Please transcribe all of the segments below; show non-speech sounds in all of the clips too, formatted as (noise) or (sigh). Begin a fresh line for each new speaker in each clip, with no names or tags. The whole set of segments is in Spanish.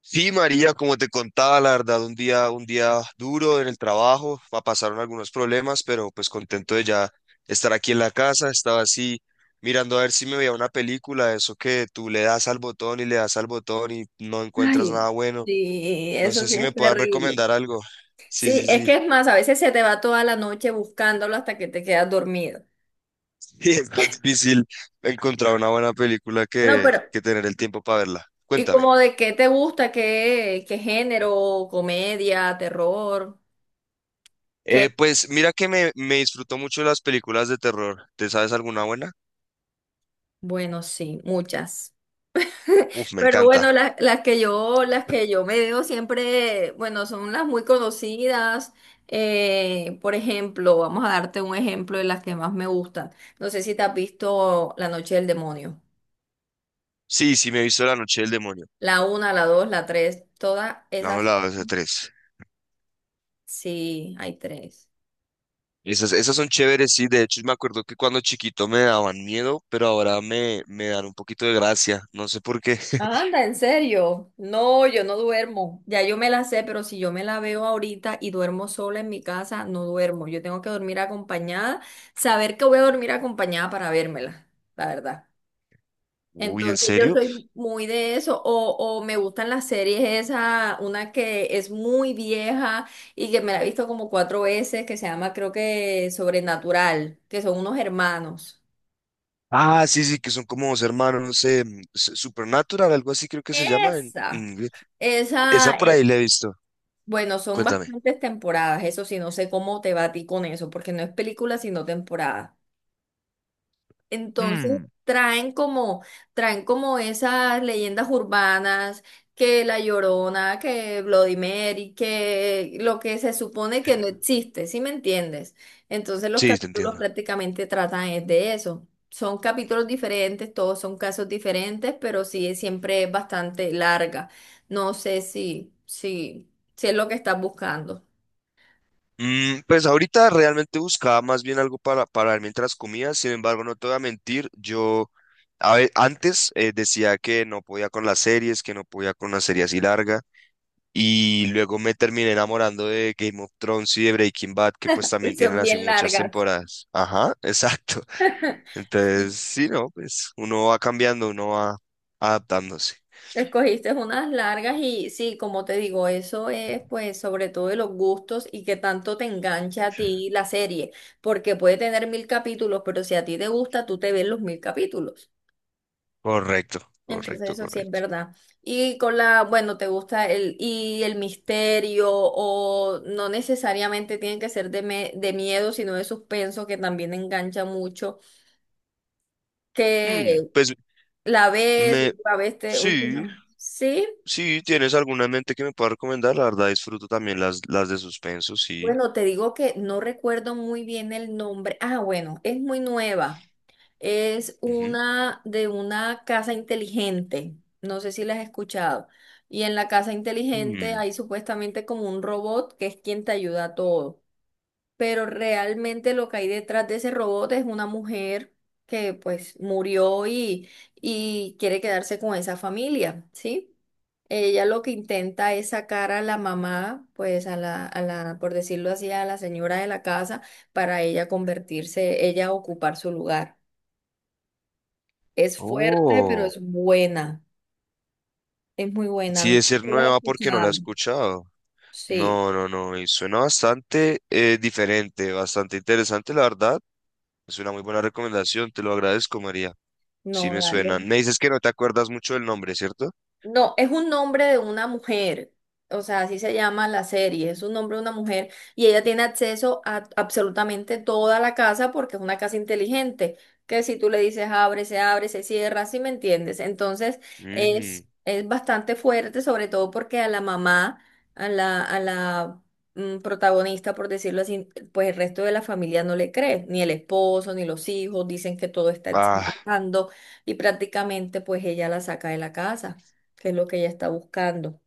Sí, María, como te contaba, la verdad, un día duro en el trabajo, pasaron algunos problemas, pero pues contento de ya estar aquí en la casa, estaba así mirando a ver si me veía una película, eso que tú le das al botón y le das al botón y no encuentras
Ay,
nada bueno.
sí,
No
eso
sé
sí
si me
es
puedas
terrible.
recomendar algo. Sí,
Sí,
sí,
es que
sí.
es más,
(laughs)
a veces se te va toda la noche buscándolo hasta que te quedas dormido.
Sí, es más difícil encontrar una buena película
No,
que,
pero,
que tener el tiempo para verla.
¿y
Cuéntame.
como de qué te gusta? ¿Qué género? ¿Comedia? ¿Terror? ¿Qué?
Pues mira que me disfruto mucho las películas de terror. ¿Te sabes alguna buena?
Bueno, sí, muchas.
Uf, me
Pero
encanta.
bueno, las que yo me veo siempre, bueno, son las muy conocidas. Por ejemplo, vamos a darte un ejemplo de las que más me gustan. No sé si te has visto La Noche del Demonio.
Sí, sí, me he visto La Noche del Demonio.
La una, la dos, la tres, todas
La 1,
esas.
la 2, la 3.
Sí, hay tres.
Esas son chéveres, sí. De hecho, me acuerdo que cuando chiquito me daban miedo, pero ahora me dan un poquito de gracia. No sé por qué. (laughs)
Anda, en serio. No, yo no duermo. Ya yo me la sé, pero si yo me la veo ahorita y duermo sola en mi casa, no duermo. Yo tengo que dormir acompañada, saber que voy a dormir acompañada para vérmela, la verdad.
Uy, ¿en
Entonces yo
serio?
soy muy de eso, o me gustan las series esa, una que es muy vieja y que me la he visto como cuatro veces, que se llama creo que Sobrenatural, que son unos hermanos.
Ah, sí, sí, que son como dos hermanos, no sé, Supernatural, algo así creo que se llama en
Esa,
inglés. Esa
esa,
por ahí
eh,
la he visto.
bueno, son
Cuéntame.
bastantes temporadas, eso sí, no sé cómo te va a ti con eso, porque no es película, sino temporada. Entonces
Hmm.
traen como, Traen como esas leyendas urbanas, que La Llorona, que Bloody Mary, que lo que se supone que no existe, ¿sí me entiendes? Entonces los
Sí, te
capítulos
entiendo.
prácticamente tratan es de eso. Son capítulos diferentes, todos son casos diferentes, pero sí es- siempre es bastante larga. No sé si es lo que estás buscando.
Pues ahorita realmente buscaba más bien algo para ver mientras comía. Sin embargo, no te voy a mentir, yo antes decía que no podía con las series, que no podía con una serie así larga, y luego me terminé enamorando de Game of Thrones y de Breaking Bad, que pues
(laughs) Y
también tienen
son
así
bien
muchas
largas.
temporadas. Ajá, (laughs) exacto. Entonces,
(laughs)
sí, no, pues uno va cambiando, uno va adaptándose.
Escogiste unas largas y sí, como te digo, eso es pues sobre todo de los gustos y que tanto te engancha a ti la serie, porque puede tener mil capítulos, pero si a ti te gusta, tú te ves los mil capítulos.
Correcto,
Entonces
correcto,
eso sí es
correcto.
verdad. Y con la, bueno, te gusta el, y el misterio o no necesariamente tienen que ser de, me- de miedo, sino de suspenso, que también engancha mucho,
Hmm,
que
pues me...
la ves te
Sí,
última. Sí.
si tienes alguna en mente que me pueda recomendar, la verdad disfruto también las de suspenso, sí.
Bueno, te digo que no recuerdo muy bien el nombre. Ah, bueno, es muy nueva. Es
Ujú.
una de una casa inteligente. No sé si la has escuchado. Y en la casa inteligente
Mm.
hay supuestamente como un robot que es quien te ayuda a todo, pero realmente lo que hay detrás de ese robot es una mujer que pues y quiere quedarse con esa familia, ¿sí? Ella lo que intenta es sacar a la mamá, pues por decirlo así, a la señora de la casa, para ella convertirse, ella ocupar su lugar. Es fuerte, pero
Oh,
es buena, es muy buena,
sí,
no sé
es ser
si la has
nueva porque no la he
escuchado.
escuchado.
Sí,
No, y suena bastante diferente, bastante interesante, la verdad. Es una muy buena recomendación, te lo agradezco, María. Sí
no,
me suenan.
dale.
Me dices que no te acuerdas mucho del nombre, ¿cierto?
No, es un nombre de una mujer, o sea, así se llama la serie, es un nombre de una mujer y ella tiene acceso a absolutamente toda la casa porque es una casa inteligente, que si tú le dices abre, se cierra, ¿si me entiendes? Entonces
Ujú.
es bastante fuerte, sobre todo porque a la mamá, a la, a la protagonista, por decirlo así, pues el resto de la familia no le cree, ni el esposo, ni los hijos, dicen que todo está
Ah,
exagerando y prácticamente pues ella la saca de la casa, que es lo que ella está buscando.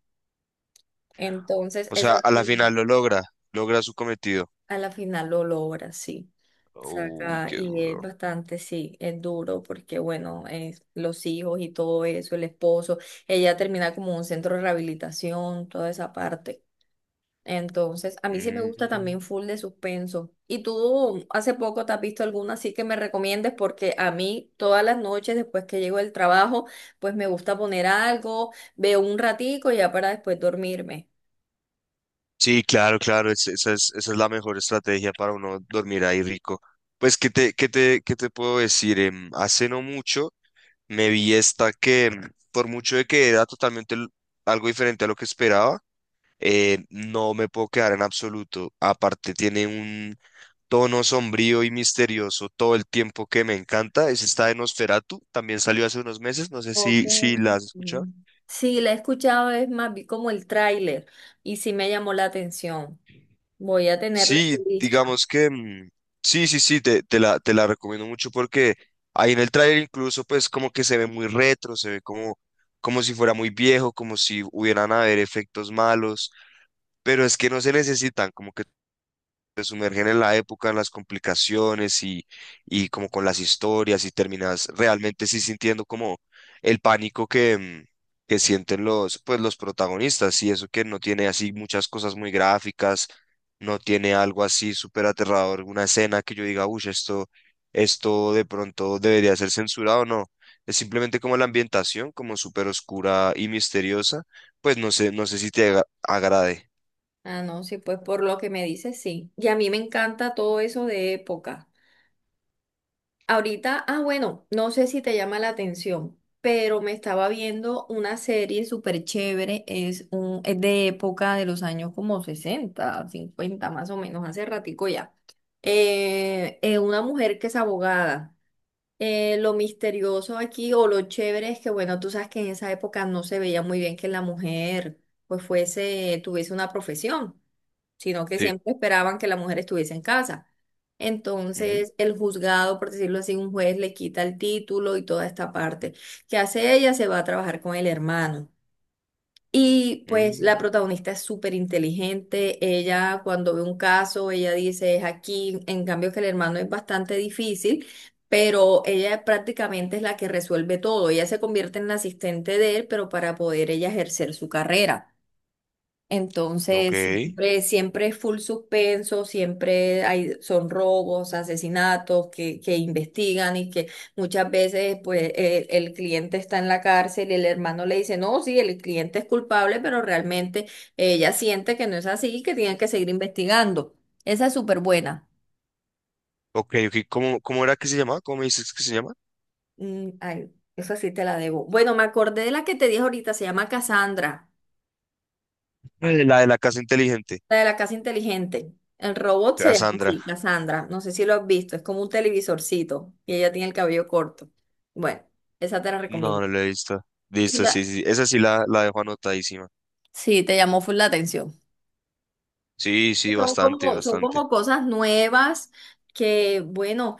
Entonces,
o sea,
esa,
a la final lo logra, logra su cometido.
a la final lo logra, sí.
Uy,
Saca,
qué
y es
duro.
bastante, sí, es duro porque, bueno, es los hijos y todo eso, el esposo, ella termina como en un centro de rehabilitación, toda esa parte. Entonces, a mí sí me gusta
Ujú.
también full de suspenso. ¿Y tú hace poco te has visto alguna así que me recomiendes? Porque a mí todas las noches después que llego del trabajo, pues me gusta poner algo, veo un ratico y ya para después dormirme.
Sí, claro, claro, esa es la mejor estrategia para uno dormir ahí rico. Pues, ¿qué te puedo decir? Hace no mucho me vi esta que, por mucho de que era algo diferente a lo que esperaba. No me puedo quedar en absoluto. Aparte, tiene un tono sombrío y misterioso todo el tiempo que me encanta. Es esta de Nosferatu, también salió hace unos meses, no sé
Ok.
si, si la has escuchado.
Ujú. Sí, la he escuchado, es más, vi como el tráiler y sí me llamó la atención. Voy a tenerla
Sí,
en lista.
digamos que sí, sí, sí, te la recomiendo mucho porque ahí en el tráiler incluso pues como que se ve muy retro, se ve como, como si fuera muy viejo, como si hubieran haber efectos malos, pero es que no se necesitan, como que te sumergen en la época, en las complicaciones y como con las historias y terminas realmente sí sintiendo como el pánico que, que sienten los, pues, los protagonistas. Y eso que no tiene así muchas cosas muy gráficas, no tiene algo así súper aterrador, una escena que yo diga, uy, esto de pronto debería ser censurado o no. Es simplemente como la ambientación, como súper oscura y misteriosa, pues no sé, no sé si agrade.
Ah, no, sí, pues por lo que me dices sí. Y a mí me encanta todo eso de época. Ahorita, ah, bueno, no sé si te llama la atención, pero me estaba viendo una serie súper chévere, es, un, es de época de los años como 60 50 más o menos, hace ratico ya. Una mujer que es abogada. Lo misterioso aquí o lo chévere es que, bueno, tú sabes que en esa época no se veía muy bien que la mujer pues fuese, tuviese una profesión, sino que
Sí.
siempre esperaban que la mujer estuviese en casa.
Ujú.
Entonces, el juzgado, por decirlo así, un juez le quita el título y toda esta parte. ¿Qué hace ella? Se va a trabajar con el hermano. Y pues la
Mm,
protagonista es súper inteligente, ella cuando ve un caso, ella dice es aquí, en cambio que el hermano es bastante difícil, pero ella prácticamente es la que resuelve todo, ella se convierte en la asistente de él, pero para poder ella ejercer su carrera.
ok.
Entonces, siempre es full suspenso, siempre hay, son robos, asesinatos que investigan y que muchas veces pues el cliente está en la cárcel y el hermano le dice, no, sí, el cliente es culpable, pero realmente ella siente que no es así y que tienen que seguir investigando. Esa es súper buena.
Ok, ok. ¿Cómo, cómo era que se llamaba? ¿Cómo me dices que se llama?
Mm, ay, esa sí te la debo. Bueno, me acordé de la que te dije ahorita, se llama Cassandra.
La de la casa inteligente.
La de la casa inteligente. El robot se llama
Cassandra.
así, Cassandra. No sé si lo has visto. Es como un televisorcito y ella tiene el cabello corto. Bueno, esa te la
No,
recomiendo.
no la he visto.
Y
Listo, sí,
la-
sí. Esa sí la dejo anotadísima.
Sí, te llamó full la atención.
Sí, sí, bastante,
Son
bastante.
como cosas nuevas que, bueno,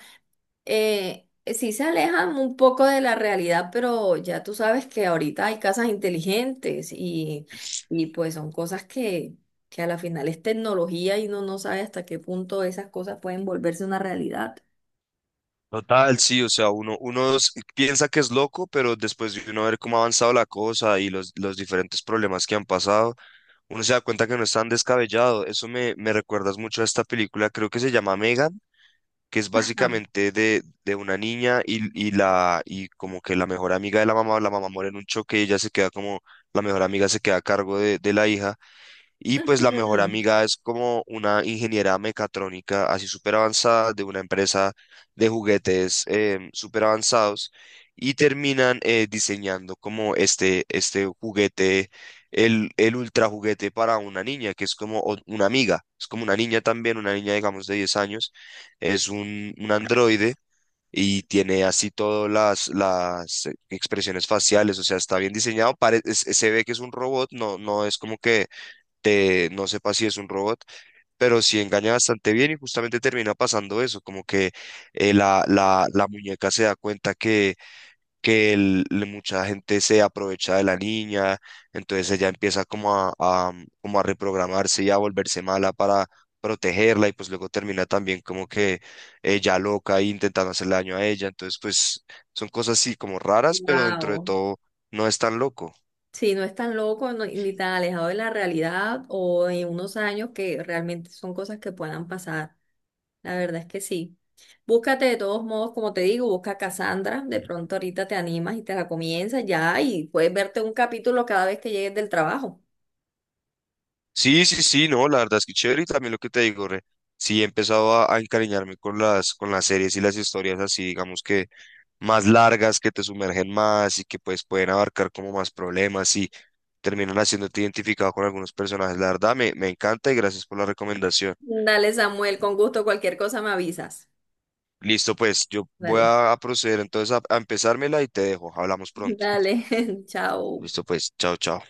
sí se alejan un poco de la realidad, pero ya tú sabes que ahorita hay casas inteligentes y pues son cosas que a la final es tecnología y uno no sabe hasta qué punto esas cosas pueden volverse una realidad.
Total, sí, o sea, piensa que es loco, pero después de uno ver cómo ha avanzado la cosa y los diferentes problemas que han pasado, uno se da cuenta que no es tan descabellado. Eso me recuerdas mucho a esta película, creo que se llama Megan, que es básicamente de una niña y la y como que la mejor amiga de la mamá muere en un choque y ella se queda como la mejor amiga, se queda a cargo de la hija. Y pues la mejor amiga es como una ingeniera mecatrónica así súper avanzada de una empresa de juguetes súper avanzados, y terminan diseñando como este juguete, el ultra juguete para una niña que es como una amiga, es como una niña también, una niña digamos de 10 años, es un androide. Y tiene así todas las expresiones faciales. O sea, está bien diseñado, se ve que es un robot, no, no es como que de no sepa si es un robot, pero sí engaña bastante bien y justamente termina pasando eso, como que la muñeca se da cuenta que, que mucha gente se aprovecha de la niña, entonces ella empieza como como a reprogramarse y a volverse mala para protegerla. Y pues luego termina también como que ella loca e intentando hacerle daño a ella, entonces pues son cosas así como raras, pero dentro de
Wow.
todo no es tan loco.
Sí, no es tan loco no- ni tan alejado de la realidad o de unos años que realmente son cosas que puedan pasar. La verdad es que sí. Búscate de todos modos, como te digo, busca Cassandra. De pronto ahorita te animas y te la comienzas ya y puedes verte un capítulo cada vez que llegues del trabajo.
Sí, sí, sí, no, la verdad es que chévere. Y también lo que te digo, re, sí he empezado a encariñarme con con las series y las historias así, digamos que más largas, que te sumergen más y que pues pueden abarcar como más problemas y terminan haciéndote identificado con algunos personajes. La verdad me encanta y gracias por la recomendación.
Dale, Samuel, con gusto, cualquier cosa me avisas.
Listo, pues yo voy
Dale.
a proceder entonces a empezármela y te dejo. Hablamos
(laughs)
pronto.
Dale, (laughs) chao.
Listo, pues, chao, chao.